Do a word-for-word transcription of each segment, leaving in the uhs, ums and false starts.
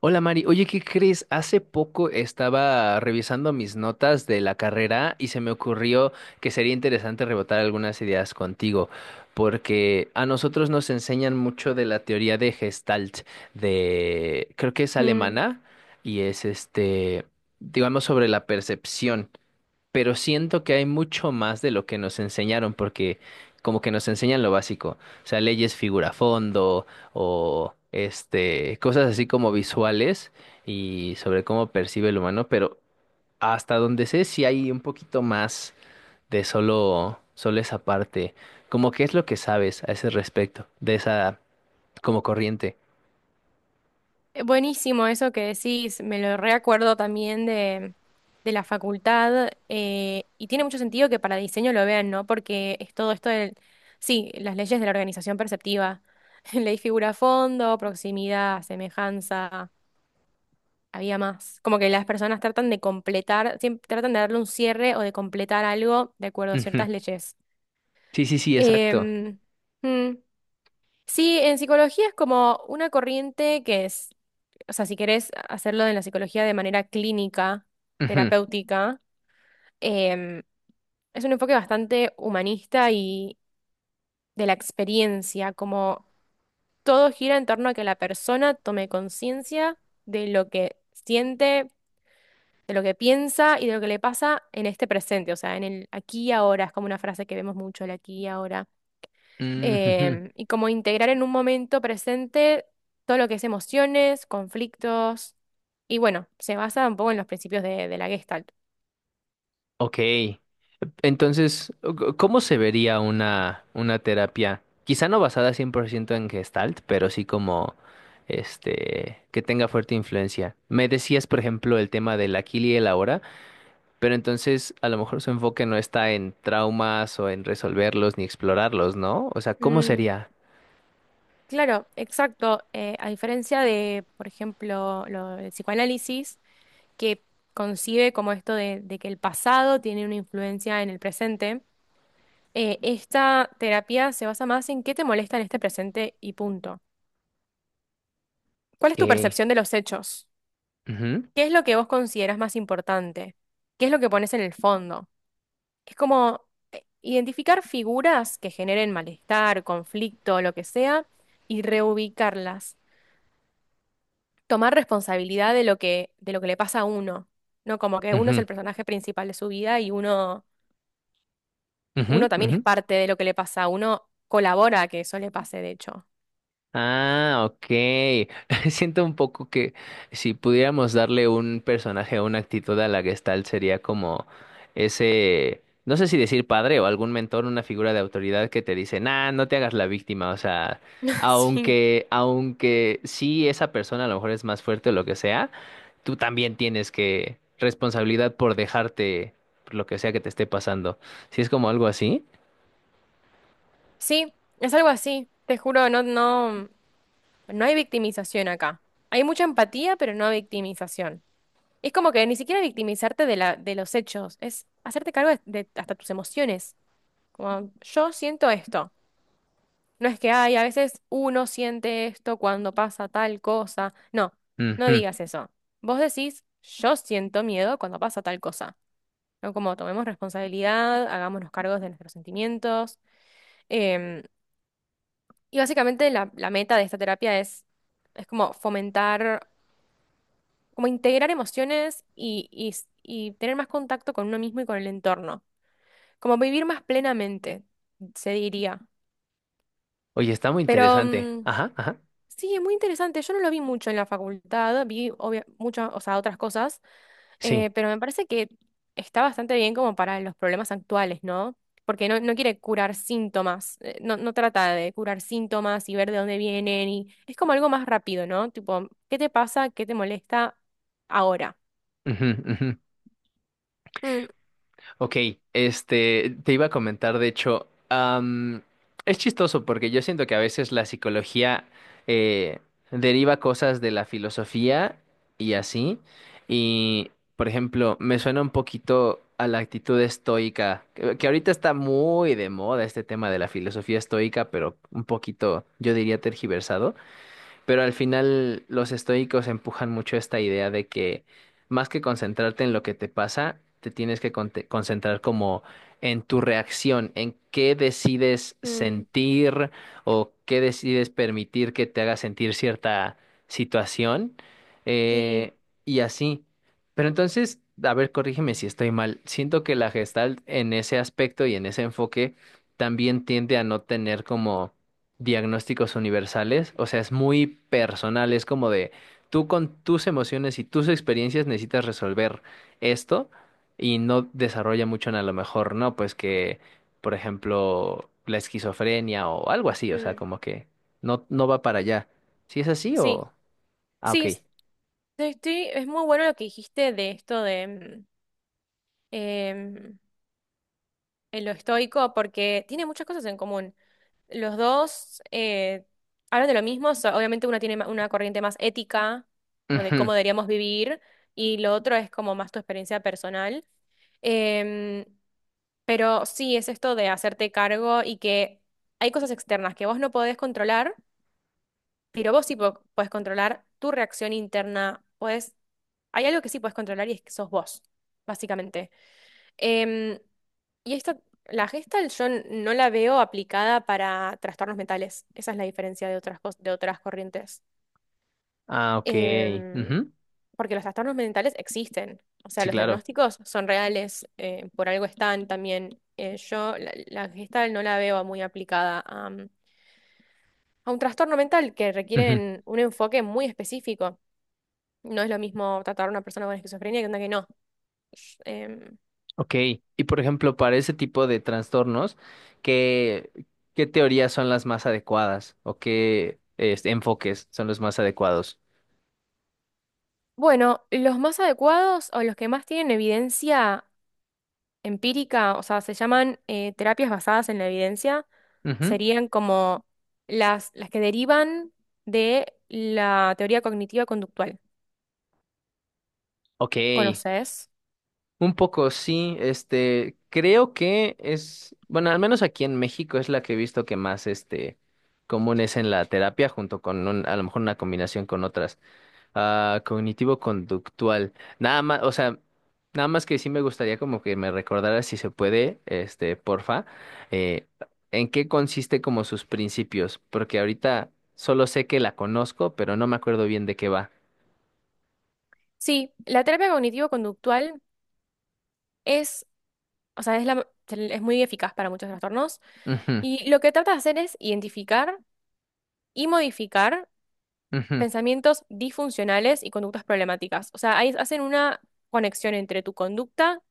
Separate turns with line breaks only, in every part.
Hola Mari, oye, ¿qué crees? Hace poco estaba revisando mis notas de la carrera y se me ocurrió que sería interesante rebotar algunas ideas contigo, porque a nosotros nos enseñan mucho de la teoría de Gestalt, de creo que es
Mm,
alemana y es este, digamos, sobre la percepción, pero siento que hay mucho más de lo que nos enseñaron, porque como que nos enseñan lo básico, o sea, leyes figura fondo o este, cosas así como visuales y sobre cómo percibe el humano, pero hasta donde sé sí hay un poquito más de solo, solo esa parte, como qué es lo que sabes a ese respecto, de esa como corriente.
eh, Buenísimo eso que decís, me lo reacuerdo también de, de la facultad eh, y tiene mucho sentido que para diseño lo vean, ¿no? Porque es todo esto del, sí, las leyes de la organización perceptiva, ley figura fondo, proximidad, semejanza, había más, como que las personas tratan de completar, siempre tratan de darle un cierre o de completar algo de acuerdo a
Ujú.
ciertas leyes.
Sí, sí, sí, exacto.
Em, mm, Sí, en psicología es como una corriente que es o sea, si querés hacerlo en la psicología de manera clínica,
Ujú.
terapéutica, em, es un enfoque bastante humanista y de la experiencia, como todo gira en torno a que la persona tome conciencia de lo que siente, de lo que piensa y de lo que le pasa en este presente, o sea, en el aquí y ahora, es como una frase que vemos mucho, el aquí y ahora.
Ujú.
Eh, y como integrar en un momento presente todo lo que es emociones, conflictos, y bueno, se basa un poco en los principios de, de la Gestalt.
Ok. Entonces, ¿cómo se vería una, una terapia? Quizá no basada cien por ciento en Gestalt, pero sí como este que tenga fuerte influencia. Me decías, por ejemplo, el tema del aquí y el ahora, pero entonces a lo mejor su enfoque no está en traumas o en resolverlos ni explorarlos, ¿no? O sea, ¿cómo
Mm,
sería?
claro, exacto. Eh, a diferencia de, por ejemplo, lo, el psicoanálisis, que concibe como esto de, de que el pasado tiene una influencia en el presente, eh, esta terapia se basa más en qué te molesta en este presente y punto. ¿Cuál es tu
Que
percepción de los hechos?
Ujú,
¿Qué es lo que vos consideras más importante? ¿Qué es lo que pones en el fondo? Es como eh, identificar figuras que generen malestar, conflicto, lo que sea, y reubicarlas. Tomar responsabilidad de lo que, de lo que le pasa a uno, ¿no? Como que uno es
ujú,
el personaje principal de su vida y uno, uno
ujú,
también
ujú.
es parte de lo que le pasa, uno colabora a que eso le pase, de hecho.
Ah, ok. Siento un poco que si pudiéramos darle un personaje o una actitud a la Gestalt sería como ese, no sé si decir padre o algún mentor, una figura de autoridad que te dice, nah, no te hagas la víctima. O sea,
Sí,
aunque, aunque sí esa persona a lo mejor es más fuerte o lo que sea, tú también tienes que responsabilidad por dejarte por lo que sea que te esté pasando. Si es como algo así.
sí, es algo así. Te juro, no, no, no hay victimización acá. Hay mucha empatía, pero no victimización. Es como que ni siquiera victimizarte de la, de los hechos, es hacerte cargo de, de hasta tus emociones. Como yo siento esto. No es que hay, a veces uno siente esto cuando pasa tal cosa. No, no
Ujú.
digas eso. Vos decís, yo siento miedo cuando pasa tal cosa. ¿No? Como tomemos responsabilidad, hagámonos cargos de nuestros sentimientos. Em, y básicamente la, la meta de esta terapia es, es como fomentar, como integrar emociones y, y s- y tener más contacto con uno mismo y con el entorno. Como vivir más plenamente, se diría.
Oye, está muy
Pero
interesante.
mm,
Ajá, ajá.
sí, es muy interesante. Yo no lo vi mucho en la facultad, vi obvia- muchas, o sea, otras cosas,
Sí.
eh, pero me parece que está bastante bien como para los problemas actuales, ¿no? Porque no, no quiere curar síntomas, eh, no, no trata de curar síntomas y ver de dónde vienen y es como algo más rápido, ¿no? Tipo, ¿qué te pasa? ¿Qué te molesta ahora?
Ujú, ujú.
Mm,
Ok, este, te iba a comentar, de hecho, am, es chistoso porque yo siento que a veces la psicología eh, deriva cosas de la filosofía y así, y por ejemplo, me suena un poquito a la actitud estoica, que, que ahorita está muy de moda este tema de la filosofía estoica, pero un poquito, yo diría, tergiversado. Pero al final los estoicos empujan mucho esta idea de que más que concentrarte en lo que te pasa, te tienes que conte- concentrar como en tu reacción, en qué decides
mm,
sentir o qué decides permitir que te haga sentir cierta situación,
sí,
eh, y así. Pero entonces, a ver, corrígeme si estoy mal. Siento que la Gestalt en ese aspecto y en ese enfoque también tiende a no tener como diagnósticos universales, o sea, es muy personal, es como de tú con tus emociones y tus experiencias necesitas resolver esto y no desarrolla mucho en a lo mejor, no, pues que, por ejemplo, la esquizofrenia o algo así, o sea,
mm,
como que no, no va para allá. ¿Si es así
sí,
o...? Ah,
sí,
ok.
es- estoy- es muy bueno lo que dijiste de esto de... mm, em, en lo estoico porque tiene muchas cosas en común. Los dos eh, hablan de lo mismo, o sea, obviamente uno tiene ma- una corriente más ética, como de
Ujú.
cómo deberíamos vivir, y lo otro es como más tu experiencia personal. Em, pero sí, es esto de hacerte cargo y que hay cosas externas que vos no podés controlar, pero vos sí po- podés controlar tu reacción interna. Podés, hay algo que sí podés controlar y es que sos vos, básicamente. Em, y esta, la Gestalt yo n- no la veo aplicada para trastornos mentales. Esa es la diferencia de otras, cos- de otras corrientes.
Ah, ok.
Em,
Ujú.
Porque los trastornos mentales existen. O sea,
Sí,
los
claro.
diagnósticos son reales, eh, por algo están también. Eh, yo la, la Gestalt no la veo muy aplicada a, mm, a un trastorno mental que requieren un enfoque muy específico. No es lo mismo tratar a una persona con esquizofrenia que una que no. Sh- em,
Ok, y por ejemplo, para ese tipo de trastornos, ¿qué, ¿qué teorías son las más adecuadas o qué este, enfoques son los más adecuados?
bueno, los más adecuados o los que más tienen evidencia empírica, o sea, se llaman eh, terapias basadas en la evidencia,
Ujú.
serían como las, las que derivan de la teoría cognitiva conductual.
Ok,
¿Conoces?
un poco sí, este, creo que es, bueno, al menos aquí en México es la que he visto que más, este, común es en la terapia junto con un- a lo mejor una combinación con otras. Ah, cognitivo-conductual. Nada más, o sea, nada más que sí me gustaría como que me recordara si se puede, este, porfa, eh, en qué consiste como sus principios, porque ahorita solo sé que la conozco, pero no me acuerdo bien de qué va.
Sí, la terapia cognitivo conductual es, o sea, es, la- es muy eficaz para muchos trastornos
Ujú,
y lo que trata de hacer es identificar y modificar
ujú.
pensamientos disfuncionales y conductas problemáticas. O sea, ahí hacen una conexión entre tu conducta,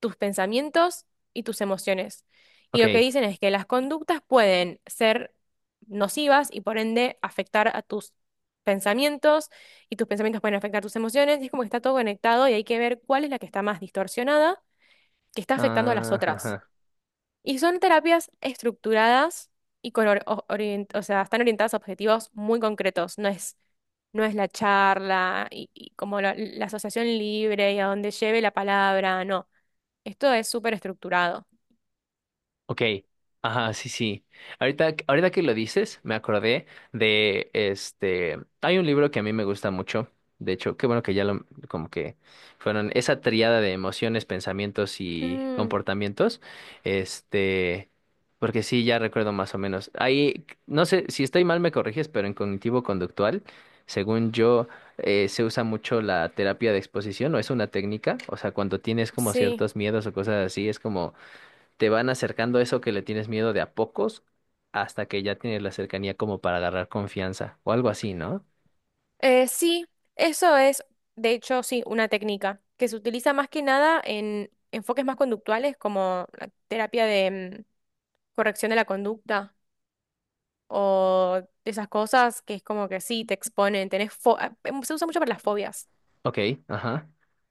tus pensamientos y tus emociones. Y lo que
Ok.
dicen es que las conductas pueden ser nocivas y por ende afectar a tus pensamientos y tus pensamientos pueden afectar tus emociones. Y es como que está todo conectado y hay que ver cuál es la que está más distorsionada, que está afectando a las otras.
Ah.
Y son terapias estructuradas y con or- o- orient- o sea, están orientadas a objetivos muy concretos. No es no es la charla y, y como la, la asociación libre y a donde lleve la palabra, no. Esto es súper estructurado.
Ok, ajá, sí, sí. Ahorita, ahorita que lo dices, me acordé de este. Hay un libro que a mí me gusta mucho. De hecho, qué bueno que ya lo, como que fueron esa tríada de emociones, pensamientos y
Mm,
comportamientos. Este, porque sí, ya recuerdo más o menos. Ahí, no sé, si estoy mal me corriges, pero en cognitivo-conductual, según yo, eh, se usa mucho la terapia de exposición, o es una técnica. O sea, cuando tienes como
sí.
ciertos miedos o cosas así, es como te van acercando eso que le tienes miedo de a pocos hasta que ya tienes la cercanía como para agarrar confianza o algo así, ¿no?
Eh, sí, eso es, de hecho, sí, una técnica que se utiliza más que nada en enfoques más conductuales como la terapia de mm, corrección de la conducta o de esas cosas que es como que sí, te exponen, tenés fo- ah, em, se usa mucho para las fobias,
Ok, ajá,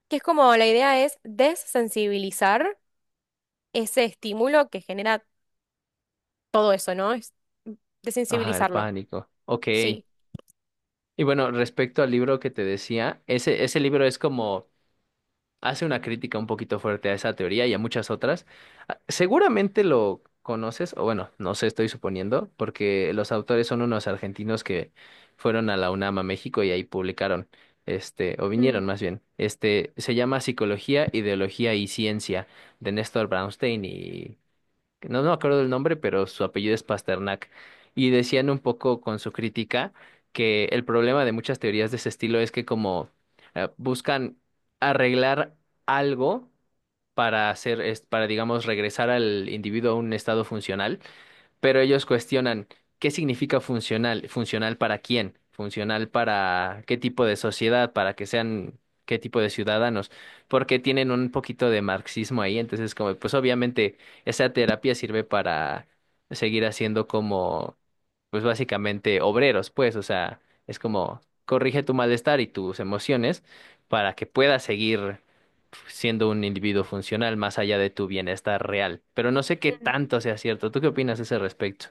que es como la idea es desensibilizar ese estímulo que genera todo eso, ¿no? Es mm,
ajá, el
desensibilizarlo.
pánico. Ok.
Sí.
Y bueno, respecto al libro que te decía, ese, ese libro es como hace una crítica un poquito fuerte a esa teoría y a muchas otras. Ah, seguramente lo conoces, o bueno, no sé, estoy suponiendo, porque los autores son unos argentinos que fueron a la UNAM a México y ahí publicaron, este, o
Mm.
vinieron más bien. Este, se llama Psicología, Ideología y Ciencia, de Néstor Brownstein, que no, no me acuerdo del nombre, pero su apellido es Pasternak, y decían un poco con su crítica que el problema de muchas teorías de ese estilo es que como eh, buscan arreglar algo para hacer, es- para digamos regresar al individuo a un estado funcional, pero ellos cuestionan qué significa funcional, funcional para quién, funcional para qué tipo de sociedad, para que sean qué tipo de ciudadanos, porque tienen un poquito de marxismo ahí, entonces como pues obviamente esa terapia sirve para seguir haciendo como pues básicamente obreros, pues, o sea, es como corrige tu malestar y tus emociones para que puedas seguir siendo un individuo funcional más allá de tu bienestar real. Pero no sé qué tanto sea cierto. ¿Tú qué opinas a ese respecto?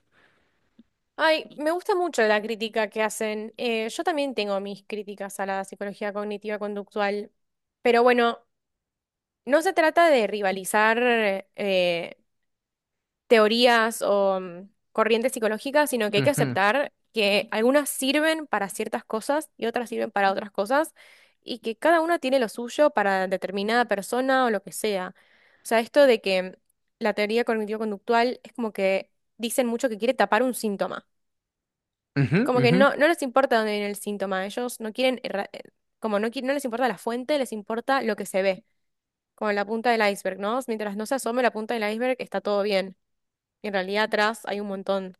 Ay, me gusta mucho la crítica que hacen. Eh, yo también tengo mis críticas a la psicología cognitiva conductual, pero bueno, no se trata de rivalizar eh, teorías o mm, corrientes psicológicas, sino que hay que
Ujú,
aceptar que algunas sirven para ciertas cosas y otras sirven para otras cosas, y que cada una tiene lo suyo para determinada persona o lo que sea. O sea, esto de que mm, la teoría cognitivo-conductual es como que dicen mucho que quiere tapar un síntoma.
ujú,
Como que
ujú,
no, no les importa dónde viene el síntoma, ellos no quieren, erra- eh, como no, qui- no les importa la fuente, les importa lo que se ve, como la punta del iceberg, ¿no? Mientras no se asome la punta del iceberg, está todo bien. Y en realidad atrás hay un montón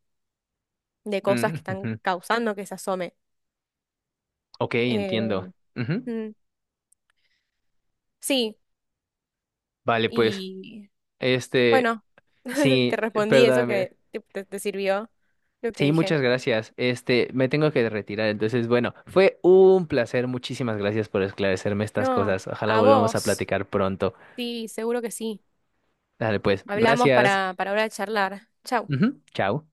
de cosas
mm,
que están
ujú.
causando que se asome.
Ok,
Eh,
entiendo. Ujú.
mm, sí,
Vale, pues,
y
este,
bueno, te
sí,
respondí eso
perdóname.
que te, te- te sirvió lo que
Sí,
dije.
muchas gracias. Este, me tengo que retirar. Entonces, bueno, fue un placer. Muchísimas gracias por esclarecerme estas
No,
cosas. Ojalá
a
volvamos a
vos,
platicar pronto.
sí, seguro que sí.
Dale, pues,
Hablamos
gracias.
para, para ahora de charlar. Chau.
Ujú, chao.